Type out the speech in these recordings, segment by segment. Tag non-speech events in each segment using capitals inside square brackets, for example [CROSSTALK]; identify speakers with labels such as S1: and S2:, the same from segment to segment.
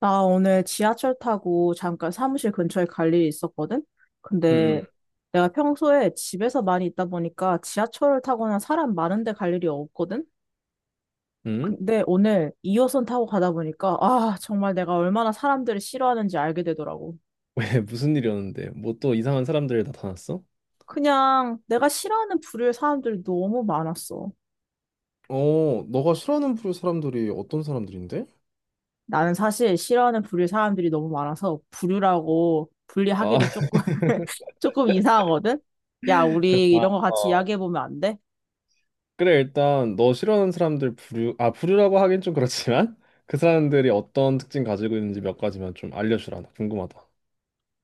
S1: 나 오늘 지하철 타고 잠깐 사무실 근처에 갈 일이 있었거든?
S2: 응,
S1: 근데
S2: 응,
S1: 내가 평소에 집에서 많이 있다 보니까 지하철을 타거나 사람 많은 데 갈 일이 없거든?
S2: 응?
S1: 근데 오늘 2호선 타고 가다 보니까 아, 정말 내가 얼마나 사람들을 싫어하는지 알게 되더라고.
S2: [LAUGHS] 왜 무슨 일이었는데? 뭐 또 이상한 사람들 나타났어?
S1: 그냥 내가 싫어하는 부류의 사람들이 너무 많았어.
S2: 어, 너가 싫어하는 부류 사람들이 어떤 사람들인데?
S1: 나는 사실 싫어하는 부류의 사람들이 너무 많아서 부류라고
S2: 아,
S1: 분리하기도 조금, [LAUGHS] 조금 이상하거든? 야,
S2: [LAUGHS] 그래,
S1: 우리
S2: 나,
S1: 이런 거 같이
S2: 어.
S1: 이야기해보면 안 돼?
S2: 그래, 일단 너 싫어하는 사람들 부류, 아, 부류라고 하긴 좀 그렇지만 [LAUGHS] 그 사람들이 어떤 특징 가지고 있는지 몇 가지만 좀 알려주라. 나 궁금하다.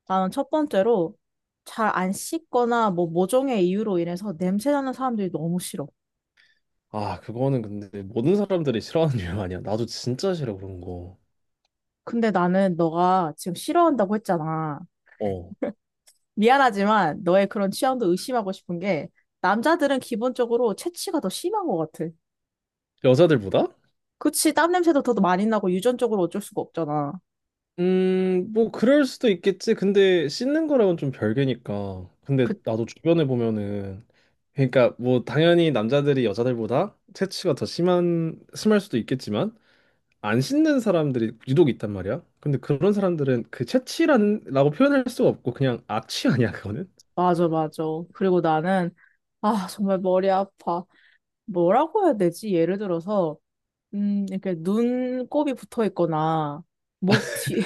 S1: 나는 첫 번째로 잘 안 씻거나 뭐 모종의 이유로 인해서 냄새 나는 사람들이 너무 싫어.
S2: 아, 그거는 근데 모든 사람들이 싫어하는 [LAUGHS] 이유 아니야. 나도 진짜 싫어, 그런 거.
S1: 근데 나는 너가 지금 싫어한다고 했잖아.
S2: 어.
S1: 미안하지만 너의 그런 취향도 의심하고 싶은 게 남자들은 기본적으로 체취가 더 심한 것 같아.
S2: 여자들보다?
S1: 그치, 땀 냄새도 더 많이 나고 유전적으로 어쩔 수가 없잖아.
S2: 뭐, 그럴 수도 있겠지. 근데 씻는 거랑은 좀 별개니까. 근데
S1: 그,
S2: 나도 주변에 보면은, 그러니까 뭐, 당연히 남자들이 여자들보다 체취가 더 심한, 심할 수도 있겠지만, 안 씻는 사람들이 유독 있단 말이야. 근데 그런 사람들은 그 체취라는, 라고 표현할 수가 없고, 그냥 악취 아니야, 그거는?
S1: 맞아, 맞아. 그리고 나는, 아, 정말 머리 아파. 뭐라고 해야 되지? 예를 들어서, 이렇게 눈곱이 붙어 있거나, 목 뒤,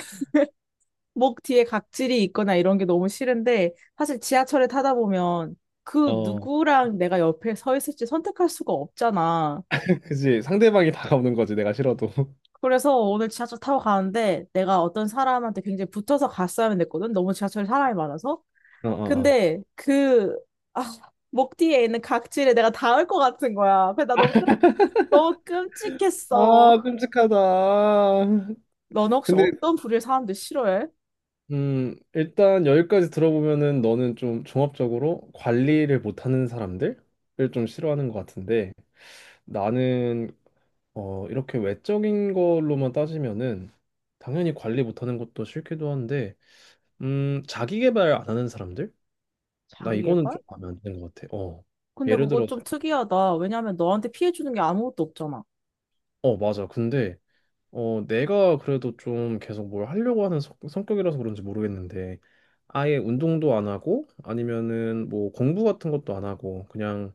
S1: 목 뒤에 각질이 있거나 이런 게 너무 싫은데 사실 지하철에 타다 보면 그
S2: 어,
S1: 누구랑 내가 옆에 서 있을지 선택할 수가 없잖아.
S2: [LAUGHS] 그지. 상대방이 다가오는 거지, 내가 싫어도. [LAUGHS]
S1: 그래서 오늘 지하철 타고 가는데 내가 어떤 사람한테 굉장히 붙어서 갔어야만 됐거든. 너무 지하철에 사람이 많아서.
S2: 어, 어, 어.
S1: 근데 아, 목 뒤에 있는 각질에 내가 닿을 것 같은 거야. 그래서 너무
S2: 아,
S1: 끔찍했어.
S2: 끔찍하다.
S1: 너는 혹시
S2: 근데
S1: 어떤 부류의 사람들 싫어해?
S2: 일단 여기까지 들어보면은 너는 좀 종합적으로 관리를 못하는 사람들을 좀 싫어하는 것 같은데 나는 어, 이렇게 외적인 걸로만 따지면은 당연히 관리 못하는 것도 싫기도 한데 자기 개발 안 하는 사람들? 나
S1: 자기
S2: 이거는
S1: 개발?
S2: 좀 마음에 안 드는 것 같아. 어.
S1: 근데
S2: 예를
S1: 그거
S2: 들어서
S1: 좀 특이하다. 왜냐면 너한테 피해 주는 게 아무것도 없잖아.
S2: 어, 맞아. 근데 어, 내가 그래도 좀 계속 뭘 하려고 하는 성격이라서 그런지 모르겠는데, 아예 운동도 안 하고, 아니면은 뭐 공부 같은 것도 안 하고, 그냥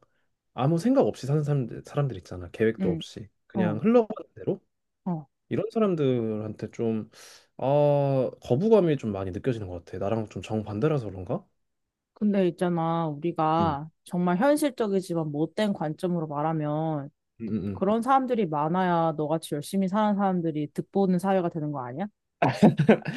S2: 아무 생각 없이 사는 사람들 있잖아. 계획도
S1: 응.
S2: 없이. 그냥
S1: 어,
S2: 흘러가는 대로?
S1: 어.
S2: 이런 사람들한테 좀, 아, 거부감이 좀 많이 느껴지는 것 같아. 나랑 좀 정반대라서 그런가?
S1: 근데 있잖아,
S2: 응,
S1: 우리가 정말 현실적이지만 못된 관점으로 말하면
S2: 응, 응.
S1: 그런 사람들이 많아야 너같이 열심히 사는 사람들이 득보는 사회가 되는 거 아니야?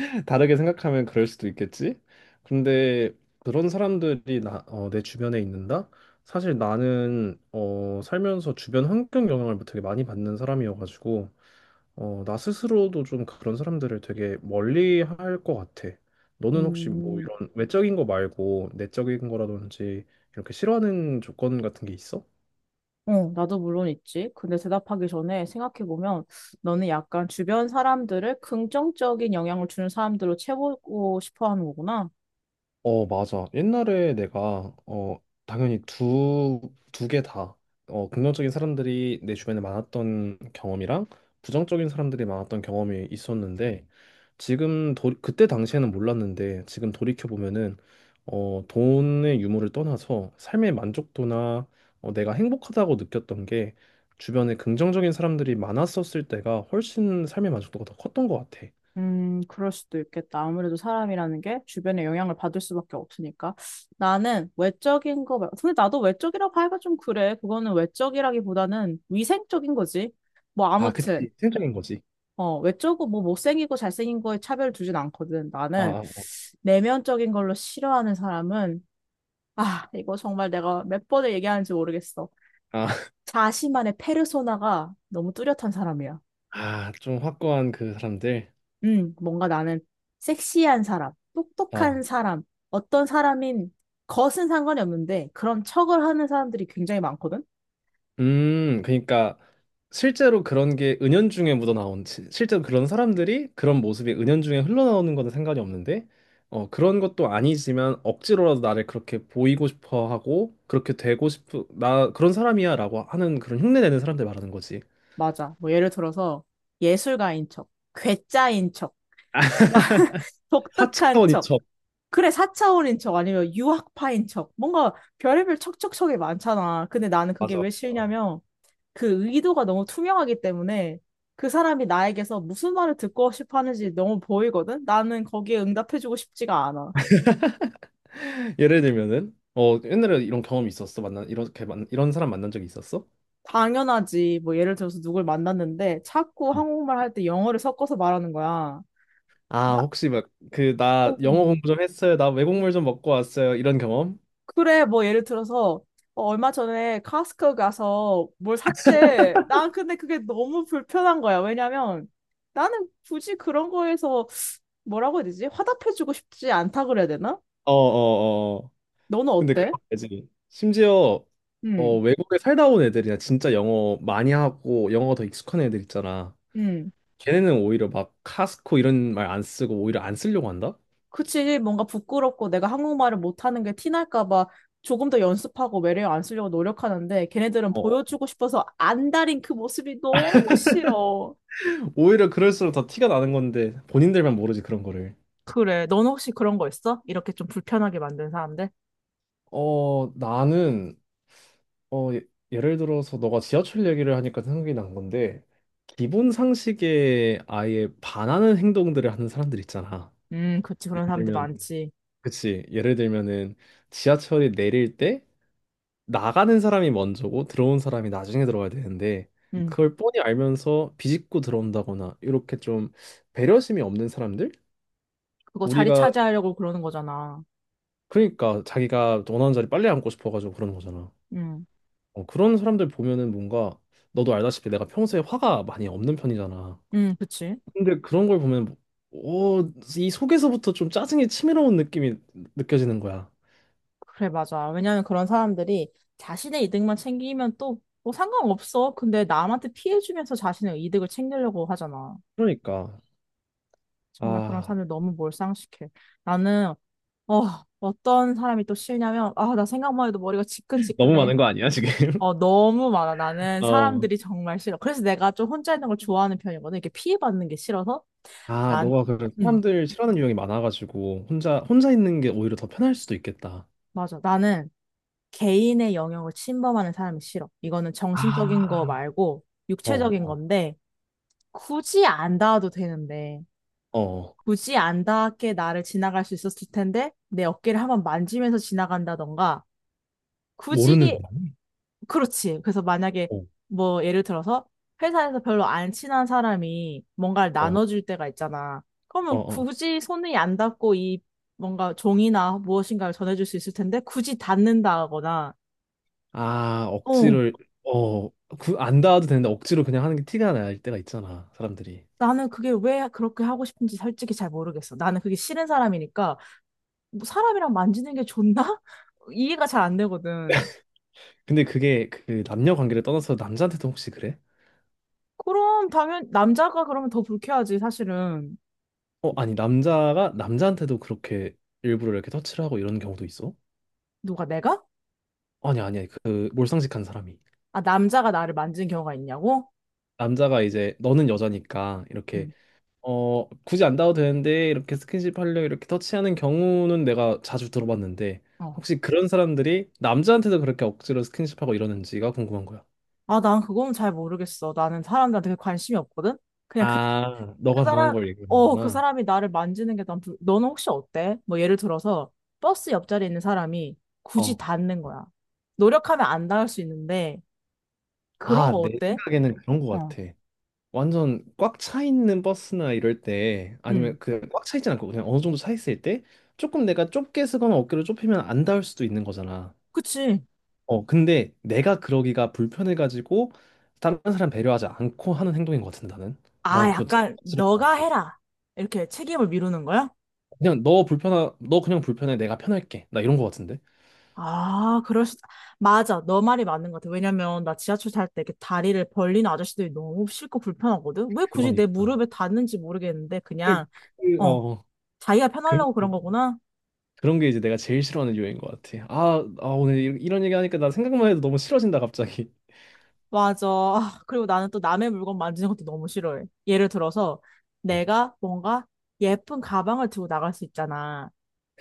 S2: [LAUGHS] 다르게 생각하면 그럴 수도 있겠지. 근데 그런 사람들이 나, 어, 내 주변에 있는다? 사실 나는 어, 살면서 주변 환경 영향을 되게 많이 받는 사람이어가지고 어, 나 스스로도 좀 그런 사람들을 되게 멀리 할 것 같아. 너는 혹시 뭐
S1: 음,
S2: 이런 외적인 거 말고 내적인 거라든지 이렇게 싫어하는 조건 같은 게 있어?
S1: 어, 나도 물론 있지. 근데 대답하기 전에 생각해보면 너는 약간 주변 사람들을 긍정적인 영향을 주는 사람들로 채우고 싶어 하는 거구나.
S2: 어, 맞아. 옛날에 내가, 어, 당연히 두 개 다, 어, 긍정적인 사람들이 내 주변에 많았던 경험이랑 부정적인 사람들이 많았던 경험이 있었는데, 지금, 도, 그때 당시에는 몰랐는데, 지금 돌이켜보면은, 어, 돈의 유무를 떠나서 삶의 만족도나, 어, 내가 행복하다고 느꼈던 게, 주변에 긍정적인 사람들이 많았었을 때가 훨씬 삶의 만족도가 더 컸던 것 같아.
S1: 그럴 수도 있겠다. 아무래도 사람이라는 게 주변의 영향을 받을 수밖에 없으니까. 나는 외적인 거 말고, 근데 나도 외적이라고 하기가 좀 그래. 그거는 외적이라기보다는 위생적인 거지. 뭐,
S2: 아,
S1: 아무튼,
S2: 그치. 생각인 거지.
S1: 외적고 뭐 못생기고 잘생긴 거에 차별 두진 않거든.
S2: 아,
S1: 나는
S2: 아.
S1: 내면적인 걸로 싫어하는 사람은, 아, 이거 정말 내가 몇 번을 얘기하는지 모르겠어.
S2: 아.
S1: 자신만의 페르소나가 너무 뚜렷한 사람이야.
S2: 아, 좀 확고한 그 사람들.
S1: 뭔가 나는 섹시한 사람, 똑똑한
S2: 어.
S1: 사람, 어떤 사람인 것은 상관이 없는데 그런 척을 하는 사람들이 굉장히 많거든?
S2: 그러니까 실제로 그런 게 은연중에 실제로 그런 사람들이 그런 모습이 은연중에 흘러나오는 거는 상관이 없는데 어, 그런 것도 아니지만 억지로라도 나를 그렇게 보이고 싶어 하고 그렇게 되고 싶어 나 그런 사람이야라고 하는 그런 흉내내는 사람들 말하는 거지.
S1: 맞아. 뭐 예를 들어서 예술가인 척, 괴짜인 척, 뭔가 [LAUGHS] 독특한
S2: 4차원
S1: 척,
S2: 이첩.
S1: 그래, 사차원인 척, 아니면 유학파인 척, 뭔가 별의별 척척척이 많잖아. 근데 나는 그게
S2: 맞아.
S1: 왜
S2: 어.
S1: 싫냐면 그 의도가 너무 투명하기 때문에 그 사람이 나에게서 무슨 말을 듣고 싶어 하는지 너무 보이거든? 나는 거기에 응답해주고 싶지가 않아.
S2: 예를 들면은 어, 옛날에 이런 경험이 있었어. 이런 사람 만난 적이 있었어?
S1: 당연하지. 뭐 예를 들어서 누굴 만났는데 자꾸 한국말 할 때 영어를 섞어서 말하는 거야.
S2: 아,
S1: 나-
S2: 혹시 막 그 나
S1: 어.
S2: 영어 공부 좀 했어요. 나 외국물 좀 먹고 왔어요. 이런 경험?
S1: 그래, 뭐 예를 들어서 얼마 전에 카스코 가서 뭘 샀대. 난 근데 그게 너무 불편한 거야. 왜냐면 나는 굳이 그런 거에서 뭐라고 해야 되지? 화답해주고 싶지 않다 그래야 되나?
S2: 어, 어, 어.
S1: 너는
S2: 근데 그런
S1: 어때?
S2: 거지. 심지어 어,
S1: 응,
S2: 외국에 살다 온 애들이나 진짜 영어 많이 하고 영어 더 익숙한 애들 있잖아.
S1: 응.
S2: 걔네는 오히려 막 카스코 이런 말 안 쓰고 오히려 안 쓰려고 한다?
S1: 그치, 뭔가 부끄럽고 내가 한국말을 못하는 게 티날까 봐 조금 더 연습하고 매력 안 쓰려고 노력하는데 걔네들은
S2: 어.
S1: 보여주고 싶어서 안 다린 그 모습이 너무 싫어.
S2: 오히려 그럴수록 더 티가 나는 건데 본인들만 모르지 그런 거를.
S1: 그래. 넌 혹시 그런 거 있어? 이렇게 좀 불편하게 만든 사람들?
S2: 어, 나는 어, 예를 들어서 너가 지하철 얘기를 하니까 생각이 난 건데 기본 상식에 아예 반하는 행동들을 하는 사람들 있잖아.
S1: 그치.
S2: 예를
S1: 그런 사람들
S2: 들면
S1: 많지.
S2: 그치. 예를 들면은 지하철이 내릴 때 나가는 사람이 먼저고 들어온 사람이 나중에 들어가야 되는데
S1: 음,
S2: 그걸 뻔히 알면서 비집고 들어온다거나 이렇게 좀 배려심이 없는 사람들?
S1: 그거 자리
S2: 우리가
S1: 차지하려고 그러는 거잖아.
S2: 그러니까 자기가 원하는 자리 빨리 앉고 싶어가지고 그런 거잖아.
S1: 음,
S2: 어, 그런 사람들 보면은 뭔가 너도 알다시피 내가 평소에 화가 많이 없는 편이잖아.
S1: 그치.
S2: 근데 그런 걸 보면 어, 이 속에서부터 좀 짜증이 치밀어온 느낌이 느껴지는 거야.
S1: 그래, 맞아. 왜냐면 그런 사람들이 자신의 이득만 챙기면 또 뭐 상관없어. 근데 남한테 피해주면서 자신의 이득을 챙기려고 하잖아.
S2: 그러니까
S1: 정말 그런
S2: 아
S1: 사람들 너무 몰상식해. 나는 어, 어떤 사람이 또 싫냐면 아, 나 생각만 해도 머리가
S2: 너무
S1: 지끈지끈해.
S2: 많은 거 아니야, 지금? [LAUGHS]
S1: 어, 너무 많아. 나는
S2: 어.
S1: 사람들이 정말 싫어. 그래서 내가 좀 혼자 있는 걸 좋아하는 편이거든. 이렇게 피해받는 게 싫어서
S2: 아,
S1: 난
S2: 너가 그
S1: 음,
S2: 사람들 싫어하는 유형이 많아가지고 혼자 있는 게 오히려 더 편할 수도 있겠다.
S1: 맞아. 나는 개인의 영역을 침범하는 사람이 싫어. 이거는 정신적인 거
S2: 아,
S1: 말고 육체적인
S2: 어,
S1: 건데 굳이 안 닿아도 되는데
S2: 어, 어,
S1: 굳이 안 닿게 나를 지나갈 수 있었을 텐데 내 어깨를 한번 만지면서 지나간다던가 굳이
S2: 모르는 사람이?
S1: 그렇지. 그래서 만약에
S2: 어,
S1: 뭐 예를 들어서 회사에서 별로 안 친한 사람이 뭔가를
S2: 어,
S1: 나눠줄 때가 있잖아.
S2: 어,
S1: 그러면
S2: 어.
S1: 굳이 손이 안 닿고 이 뭔가 종이나 무엇인가를 전해줄 수 있을 텐데 굳이 닿는다거나,
S2: 아,
S1: 어,
S2: 억지를, 어, 그, 안 닿아도 되는데 억지로 그냥 하는 게 티가 날 때가 있잖아, 사람들이.
S1: 나는 그게 왜 그렇게 하고 싶은지 솔직히 잘 모르겠어. 나는 그게 싫은 사람이니까 뭐 사람이랑 만지는 게 좋나? [LAUGHS] 이해가 잘 안 되거든.
S2: 근데 그게 그 남녀 관계를 떠나서 남자한테도 혹시 그래?
S1: 그럼 당연 남자가 그러면 더 불쾌하지 사실은.
S2: 어, 아니, 남자가 남자한테도 그렇게 일부러 이렇게 터치를 하고 이런 경우도 있어?
S1: 누가 내가?
S2: 아니, 아니, 그 몰상식한 사람이.
S1: 아 남자가 나를 만진 경우가 있냐고?
S2: 남자가 이제 너는 여자니까 이렇게
S1: 응.
S2: 어, 굳이 안 닿아도 되는데 이렇게 스킨십 하려 이렇게 터치하는 경우는 내가 자주 들어봤는데
S1: 어.
S2: 혹시 그런 사람들이 남자한테도 그렇게 억지로 스킨십하고 이러는지가 궁금한 거야.
S1: 아, 난 그건 잘 모르겠어. 나는 사람들한테 그게 관심이 없거든? 그냥
S2: 아,
S1: 그
S2: 너가 당한
S1: 사람,
S2: 걸
S1: 그
S2: 얘기하는구나.
S1: 사람이 나를 만지는 게 난, 불... 너는 혹시 어때? 뭐 예를 들어서 버스 옆자리에 있는 사람이 굳이
S2: 어.
S1: 닿는 거야. 노력하면 안 닿을 수 있는데, 그런
S2: 아,
S1: 거
S2: 내
S1: 어때?
S2: 생각에는 그런 거
S1: 어,
S2: 같아. 완전 꽉 차 있는 버스나 이럴 때
S1: 응.
S2: 아니면 그 꽉 차 있진 않고 그냥 어느 정도 차 있을 때 조금 내가 좁게 쓰거나 어깨를 좁히면 안 닿을 수도 있는 거잖아.
S1: 그치.
S2: 어, 근데 내가 그러기가 불편해가지고 다른 사람 배려하지 않고 하는 행동인 것 같은데 나는.
S1: 아,
S2: 난 그거 진짜
S1: 약간,
S2: 싫을 것
S1: 너가
S2: 같아.
S1: 해라. 이렇게 책임을 미루는 거야?
S2: 그냥 너 불편하, 너 그냥 불편해. 내가 편할게. 나 이런 것 같은데.
S1: 아, 그럴 수, 맞아. 너 말이 맞는 것 같아. 왜냐면, 나 지하철 탈 때 이렇게 다리를 벌리는 아저씨들이 너무 싫고 불편하거든? 왜 굳이 내
S2: 그러니까.
S1: 무릎에 닿는지 모르겠는데, 그냥,
S2: 그, 그,
S1: 어,
S2: 어,
S1: 자기가
S2: 그런,
S1: 편하려고
S2: 그,
S1: 그런 거구나?
S2: 그런 게 이제 내가 제일 싫어하는 이유인 것 같아. 아, 아 오늘 이런 얘기 하니까 나 생각만 해도 너무 싫어진다 갑자기.
S1: 맞아. 아, 그리고 나는 또 남의 물건 만지는 것도 너무 싫어해. 예를 들어서,
S2: 어,
S1: 내가 뭔가 예쁜 가방을 들고 나갈 수 있잖아.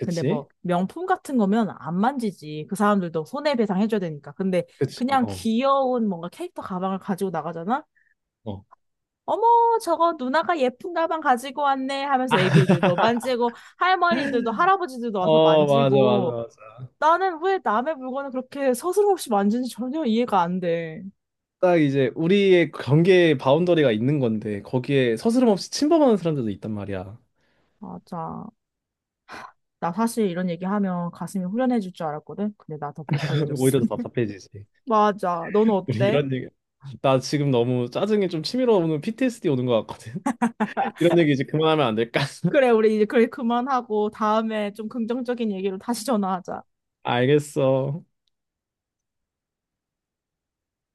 S1: 근데 뭐, 명품 같은 거면 안 만지지. 그 사람들도 손해배상 해줘야 되니까. 근데
S2: 그치.
S1: 그냥
S2: 어.
S1: 귀여운 뭔가 캐릭터 가방을 가지고 나가잖아?
S2: 어.
S1: 어머, 저거 누나가 예쁜 가방 가지고 왔네 하면서 애기들도 만지고, 할머니들도, 할아버지들도 와서
S2: 어, 맞아, 맞아,
S1: 만지고,
S2: 맞아.
S1: 나는 왜 남의 물건을 그렇게 서슴없이 만지는지 전혀 이해가 안 돼.
S2: 딱 이제 우리의 경계 바운더리가 있는 건데 거기에 서스럼 없이 침범하는 사람들도 있단 말이야.
S1: 맞아. 나 사실 이런 얘기하면 가슴이 후련해질 줄 알았거든? 근데 나 더
S2: [LAUGHS]
S1: 불편해졌어.
S2: 오히려 더
S1: [LAUGHS]
S2: 답답해지지.
S1: 맞아. 너는
S2: 우리
S1: 어때?
S2: 이런 얘기. 나 지금 너무 짜증이 좀 치밀어 오는 PTSD 오는 것 같거든. [LAUGHS] 이런 얘기 이제 그만하면 안 될까?
S1: 그래,
S2: [LAUGHS]
S1: 우리 이제 그래, 그만하고, 다음에 좀 긍정적인 얘기로 다시 전화하자.
S2: 알겠어.